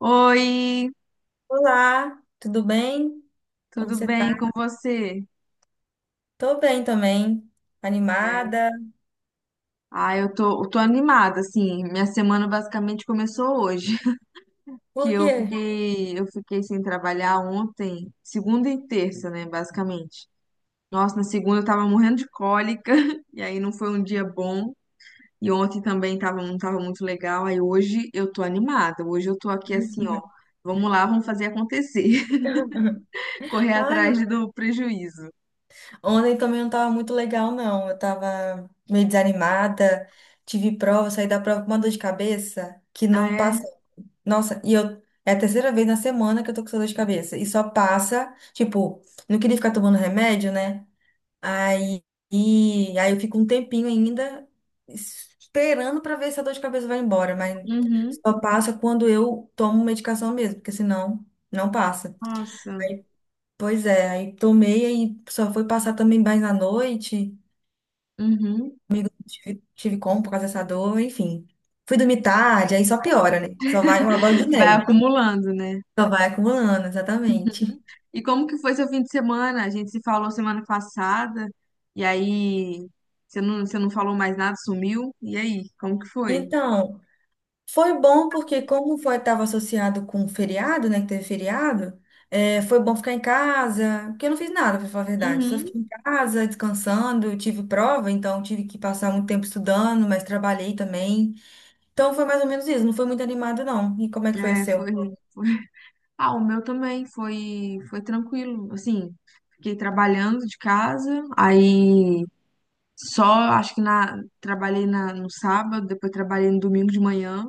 Oi, Olá, tudo bem? Como tudo você tá? bem com você? Tô bem também, É. animada. Ah, eu tô animada, assim, minha semana basicamente começou hoje. Que Por eu quê? fiquei, eu fiquei sem trabalhar ontem, segunda e terça, né, basicamente. Nossa, na segunda eu tava morrendo de cólica, e aí não foi um dia bom, e ontem também tava, não tava muito legal. Aí hoje eu tô animada, hoje eu tô aqui assim, ó, vamos lá, vamos fazer acontecer, correr Ai, atrás do prejuízo. ontem também não tava muito legal, não. Eu tava meio desanimada, tive prova, saí da prova com uma dor de cabeça que Ah, não passa. é? Nossa, e eu. É a terceira vez na semana que eu tô com essa dor de cabeça. E só passa, tipo, não queria ficar tomando remédio, né? Aí, aí eu fico um tempinho ainda esperando para ver se a dor de cabeça vai embora, mas Uhum. só passa quando eu tomo medicação mesmo, porque senão não passa. Nossa. Pois é, aí tomei aí só foi passar também mais na noite. Uhum. Comigo tive como por causa dessa dor, enfim. Fui dormir tarde, aí só piora, né? Só vai uma bola de Vai neve. acumulando, né? Só vai acumulando, Uhum. exatamente. E como que foi seu fim de semana? A gente se falou semana passada, e aí você não falou mais nada, sumiu. E aí, como que foi? Então, foi bom porque como foi estava associado com feriado, né, que teve feriado, foi bom ficar em casa, porque eu não fiz nada, para falar a verdade. Só Uhum. fiquei em casa, descansando, eu tive prova, então tive que passar muito tempo estudando, mas trabalhei também. Então foi mais ou menos isso, não foi muito animado não. E como é que foi o É, seu? foi, foi- Ah, o meu também foi tranquilo. Assim, fiquei trabalhando de casa, aí só acho que trabalhei no sábado, depois trabalhei no domingo de manhã,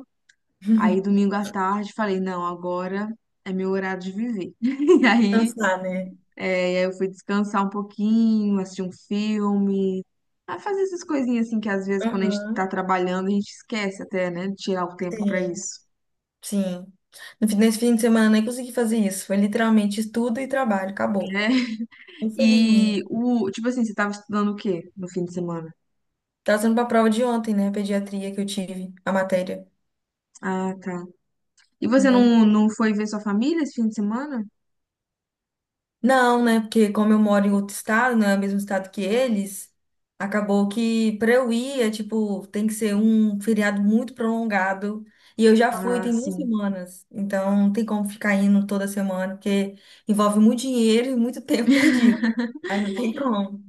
aí domingo à tarde falei, não, agora é meu horário de viver. E aí Cansar, né? É, e aí eu fui descansar um pouquinho, assistir um filme, a fazer essas coisinhas assim que às vezes quando a gente Aham. tá trabalhando a gente esquece até, né, de tirar o tempo pra Sim, isso. sim. No fim- Nesse fim de semana eu nem consegui fazer isso. Foi literalmente estudo e trabalho, acabou. Infelizmente. E o, tipo assim, você tava estudando o quê no fim de semana? Tava sendo pra prova de ontem, né? Pediatria que eu tive, a matéria. Ah, tá. E você Entendeu? não, não foi ver sua família esse fim de semana? Não, né? Porque como eu moro em outro estado, não é o mesmo estado que eles, acabou que para eu ir é tipo, tem que ser um feriado muito prolongado. E eu já fui Ah, tem duas sim. semanas, então não tem como ficar indo toda semana, porque envolve muito dinheiro e muito tempo perdido. Aí não tem como.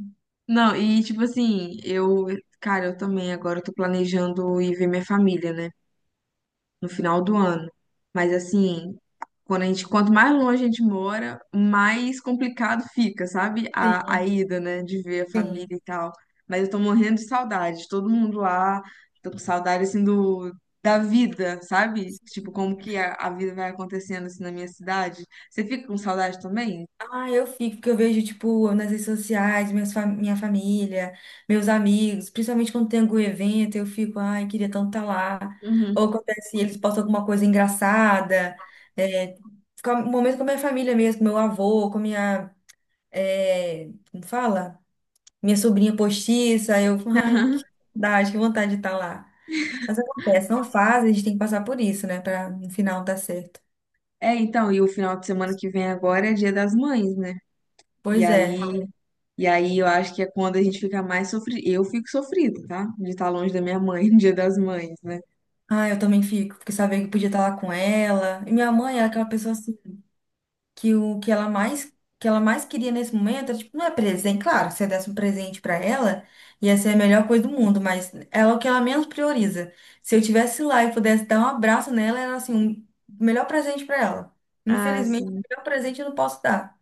Não, e tipo assim, eu, cara, eu também agora eu tô planejando ir ver minha família, né? No final do ano. Mas assim, quando a gente, quanto mais longe a gente mora, mais complicado fica, sabe? Sim, A ida, né? De ver a família sim. e tal. Mas eu tô morrendo de saudade, de todo mundo lá, tô com saudade assim do. Da vida, sabe? Tipo, como que a vida vai acontecendo assim na minha cidade. Você fica com saudade também? Ah, eu fico, porque eu vejo, tipo, nas redes sociais, minha família, meus amigos, principalmente quando tem algum evento, eu fico, ai, queria tanto estar lá. Ou Uhum. acontece, eles postam alguma coisa engraçada. É, fica um momento com a minha família mesmo, com meu avô, com minha, é, como fala? Minha sobrinha postiça, eu, ai, que saudade, que vontade de estar lá. Mas acontece, não faz, a gente tem que passar por isso, né, para no final dar certo. É, então, e o final de semana que vem agora é Dia das Mães, né? E Pois aí é. E aí eu acho que é quando a gente fica mais sofrido. Eu fico sofrida, tá? De estar longe da minha mãe no Dia das Mães, né? Ah, eu também fico, porque sabia que podia estar lá com ela. E minha mãe era aquela pessoa assim, que o que ela mais queria nesse momento, era, tipo, não é presente, claro, se eu desse um presente pra ela, ia ser a melhor coisa do mundo, mas ela é o que ela menos prioriza. Se eu tivesse lá e pudesse dar um abraço nela, era assim, o melhor presente pra ela. Ah, Infelizmente, sim. o melhor presente eu não posso dar.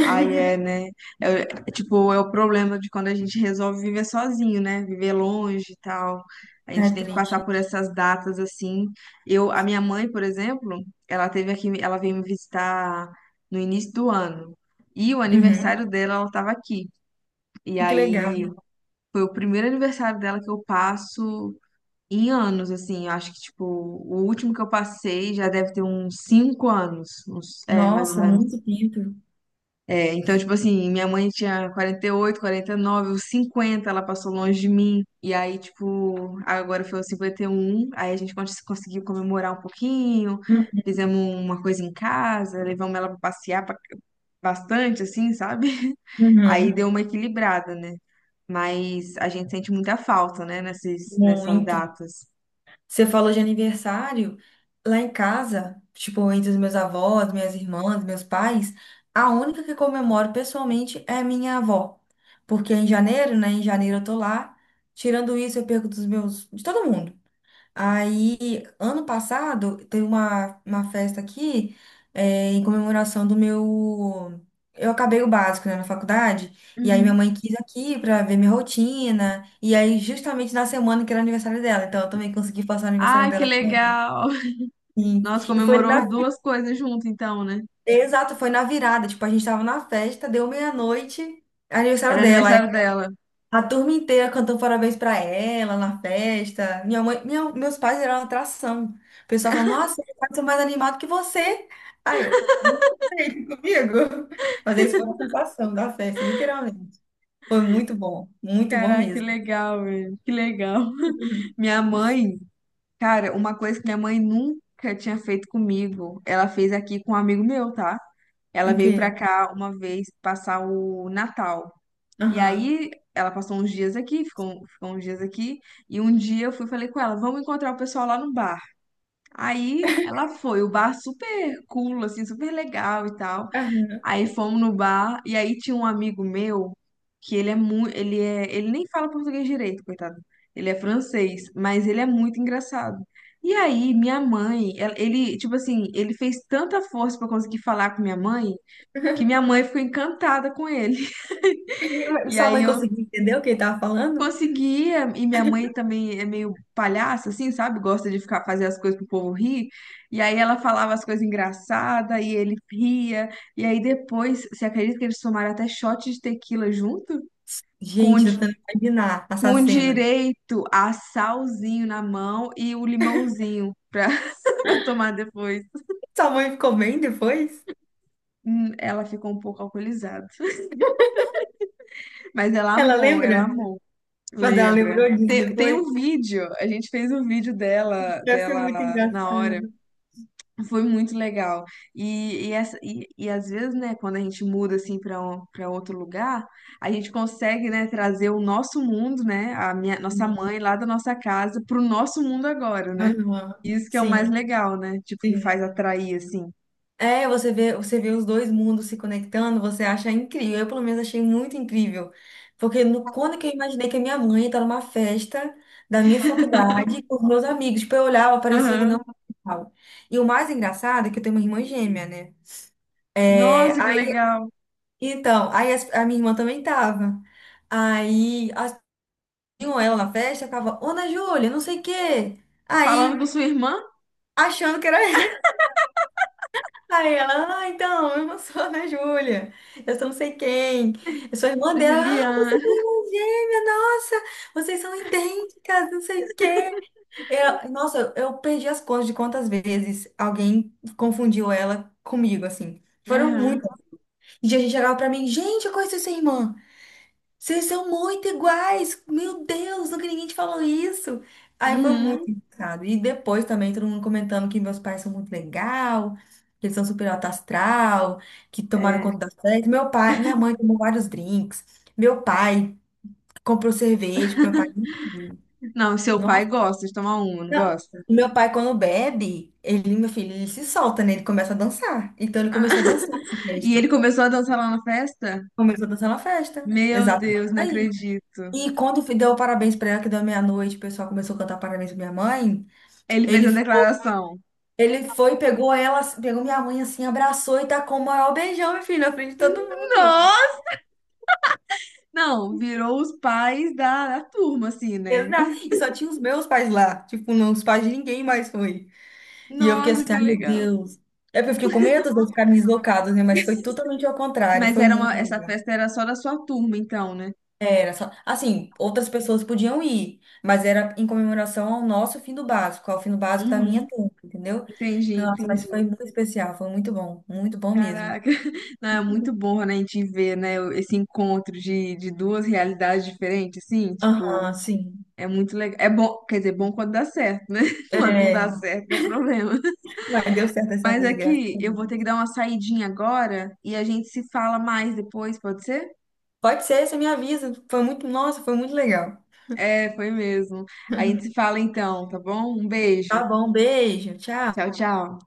Aí é, né? É, é, tipo, é o problema de quando a gente resolve viver sozinho, né? Viver longe e tal. A É gente tem que triste. passar por essas datas assim. Eu, a minha mãe, por exemplo, ela teve aqui, ela veio me visitar no início do ano. E o Uhum. aniversário dela, ela estava aqui. E Que legal. aí foi o primeiro aniversário dela que eu passo em anos. Assim, eu acho que, tipo, o último que eu passei já deve ter uns 5 anos, uns, é, mais ou Nossa, menos. muito tempo. É, então, tipo assim, minha mãe tinha 40, 48, 49, os 50 ela passou longe de mim, e aí, tipo, agora foi os 51, aí a gente conseguiu comemorar um pouquinho, Hum. fizemos uma coisa em casa, levamos ela pra passear pra- bastante, assim, sabe? Aí Uhum. deu uma equilibrada, né? Mas a gente sente muita falta, né, nessas Muito. datas. Você falou de aniversário. Lá em casa, tipo, entre os meus avós, minhas irmãs, meus pais, a única que comemoro pessoalmente é minha avó. Porque em janeiro, né? Em janeiro eu tô lá. Tirando isso, eu perco dos meus, de todo mundo. Aí, ano passado, teve uma festa aqui, em comemoração do meu. Eu acabei o básico, né, na faculdade, e aí minha mãe quis aqui pra ver minha rotina, e aí justamente na semana que era aniversário dela, então eu também consegui passar o aniversário Ai, que dela com ela. legal! Sim. Nossa, E foi comemorou na. as duas coisas junto, então, né? Exato, foi na virada, tipo, a gente tava na festa, deu meia-noite, aniversário Era dela. aniversário dela. A turma inteira cantando parabéns pra ela na festa. Minha mãe, meus pais eram uma atração. O pessoal falou, nossa, meu pais são mais animados que você. Aí eu, "Como você comigo." Mas essa foi a sensação da festa, literalmente. Foi muito bom Caraca, que mesmo. legal, velho. Que legal. Uhum. Minha mãe, cara, uma coisa que minha mãe nunca tinha feito comigo, ela fez aqui com um amigo meu, tá? O Ela veio pra quê? cá uma vez passar o Natal. E Aham. aí, ela passou uns dias aqui, ficou uns dias aqui. E um dia eu fui e falei com ela, vamos encontrar o pessoal lá no bar. Aí, ela foi, o bar super cool, assim, super legal e tal. Aham. Aí fomos no bar e aí tinha um amigo meu que ele é muito, ele é, ele nem fala português direito, coitado. Ele é francês, mas ele é muito engraçado. E aí ele, tipo assim, ele fez tanta força pra conseguir falar com minha mãe que minha mãe ficou encantada com ele. Mas E sua aí mãe eu conseguiu entender o que ele tava falando? Conseguia, e minha mãe também é meio palhaça, assim, sabe? Gosta de ficar fazer as coisas pro povo rir. E aí ela falava as coisas engraçadas e ele ria. E aí depois, você acredita que eles tomaram até shot de tequila junto? Com, Gente, tô di- tentando imaginar essa com cena. direito a salzinho na mão e o limãozinho pra, pra tomar depois. Sua mãe ficou bem depois? Ela ficou um pouco alcoolizada. Mas Ela ela lembra? amou. Mas ela Lembra? lembrou disso Tem depois? um vídeo, a gente fez um vídeo Deve ser muito dela engraçado. na hora. Foi muito legal. E às vezes, né, quando a gente muda assim para outro lugar, a gente consegue, né, trazer o nosso mundo, né, a nossa mãe lá da nossa casa para o nosso mundo agora, né? Aham. Isso que é o mais Sim, legal, né? Tipo, que faz sim. atrair assim. É, você vê os dois mundos se conectando, você acha incrível. Eu, pelo menos, achei muito incrível. Porque no, quando que eu imaginei que a minha mãe estava numa festa da minha faculdade com os meus amigos, tipo, eu olhava, parecia que não Aham. tava. E o mais engraçado é que eu tenho uma irmã gêmea, né? É, Nossa, que aí, legal. então, aí a, minha irmã também tava. Aí, as, tinham ela na festa, ficava, Ana Júlia, não sei o quê. Falando com Aí, sua irmã, achando que era. Aí ela, ah, então, eu não sou a Ana Júlia, eu sou não sei quem, eu sou irmã dela, ah, você Juliana. tem irmã gêmea, nossa, vocês são idênticas, não sei o quê. Eu, nossa, eu perdi as contas de quantas vezes alguém confundiu ela comigo, assim. Foram Aham. muitas. E a gente chegava pra mim, gente, eu conheço sua irmã. Vocês são muito iguais! Meu Deus, nunca ninguém te falou isso! Aí foi Uhum. muito engraçado. E depois também todo mundo comentando que meus pais são muito legal, que eles são super alto astral, que tomaram É. conta da festa. Meu pai, minha mãe tomou vários drinks. Meu pai comprou cerveja, porque meu pai nunca viu. Não, seu pai Nossa, gosta de tomar uma, não não. gosta? O meu pai, quando bebe, ele, meu filho, ele se solta, né? Ele começa a dançar. Então ele começou a dançar na E festa. ele começou a dançar lá na festa? Começou a dançar na festa. Meu Exato. Deus, não acredito. E quando deu parabéns pra ela, que deu meia-noite, o pessoal começou a cantar parabéns pra minha mãe. Ele fez Ele uma foi, declaração. ele foi, pegou ela, assim, pegou minha mãe assim, abraçou e tacou o maior beijão, meu filho, na frente de todo mundo. Nossa! Não, virou os pais da turma, assim, né? E só tinha os meus pais lá. Tipo, não, os pais de ninguém mais foi. E eu fiquei Nossa, assim, que ai meu legal. Deus. É porque eu fiquei com medo de ficarem deslocados, né? Mas foi totalmente ao contrário. Mas Foi era uma, muito. essa festa era só da sua turma, então, né? Era só, assim, outras pessoas podiam ir, mas era em comemoração ao nosso fim do básico, ao fim do básico da minha Uhum. turma, entendeu? Entendi, Então, nossa, entendi. mas foi muito especial, foi muito bom mesmo. Caraca. Não, é muito bom, né, a gente ver, né, o- esse encontro de duas realidades diferentes, assim, tipo, Aham, sim. é muito legal. É bom, quer dizer, bom quando dá certo, né? Quando não dá É, certo, que é o problema. mas deu certo dessa Mas vez, graças aqui, a eu vou ter que Deus. dar uma saidinha agora e a gente se fala mais depois, pode ser? Pode ser, você me avisa. Foi muito, nossa, foi muito legal. É, foi mesmo. A gente se fala então, tá bom? Um beijo. Tá bom, beijo, tchau. Tchau, tchau.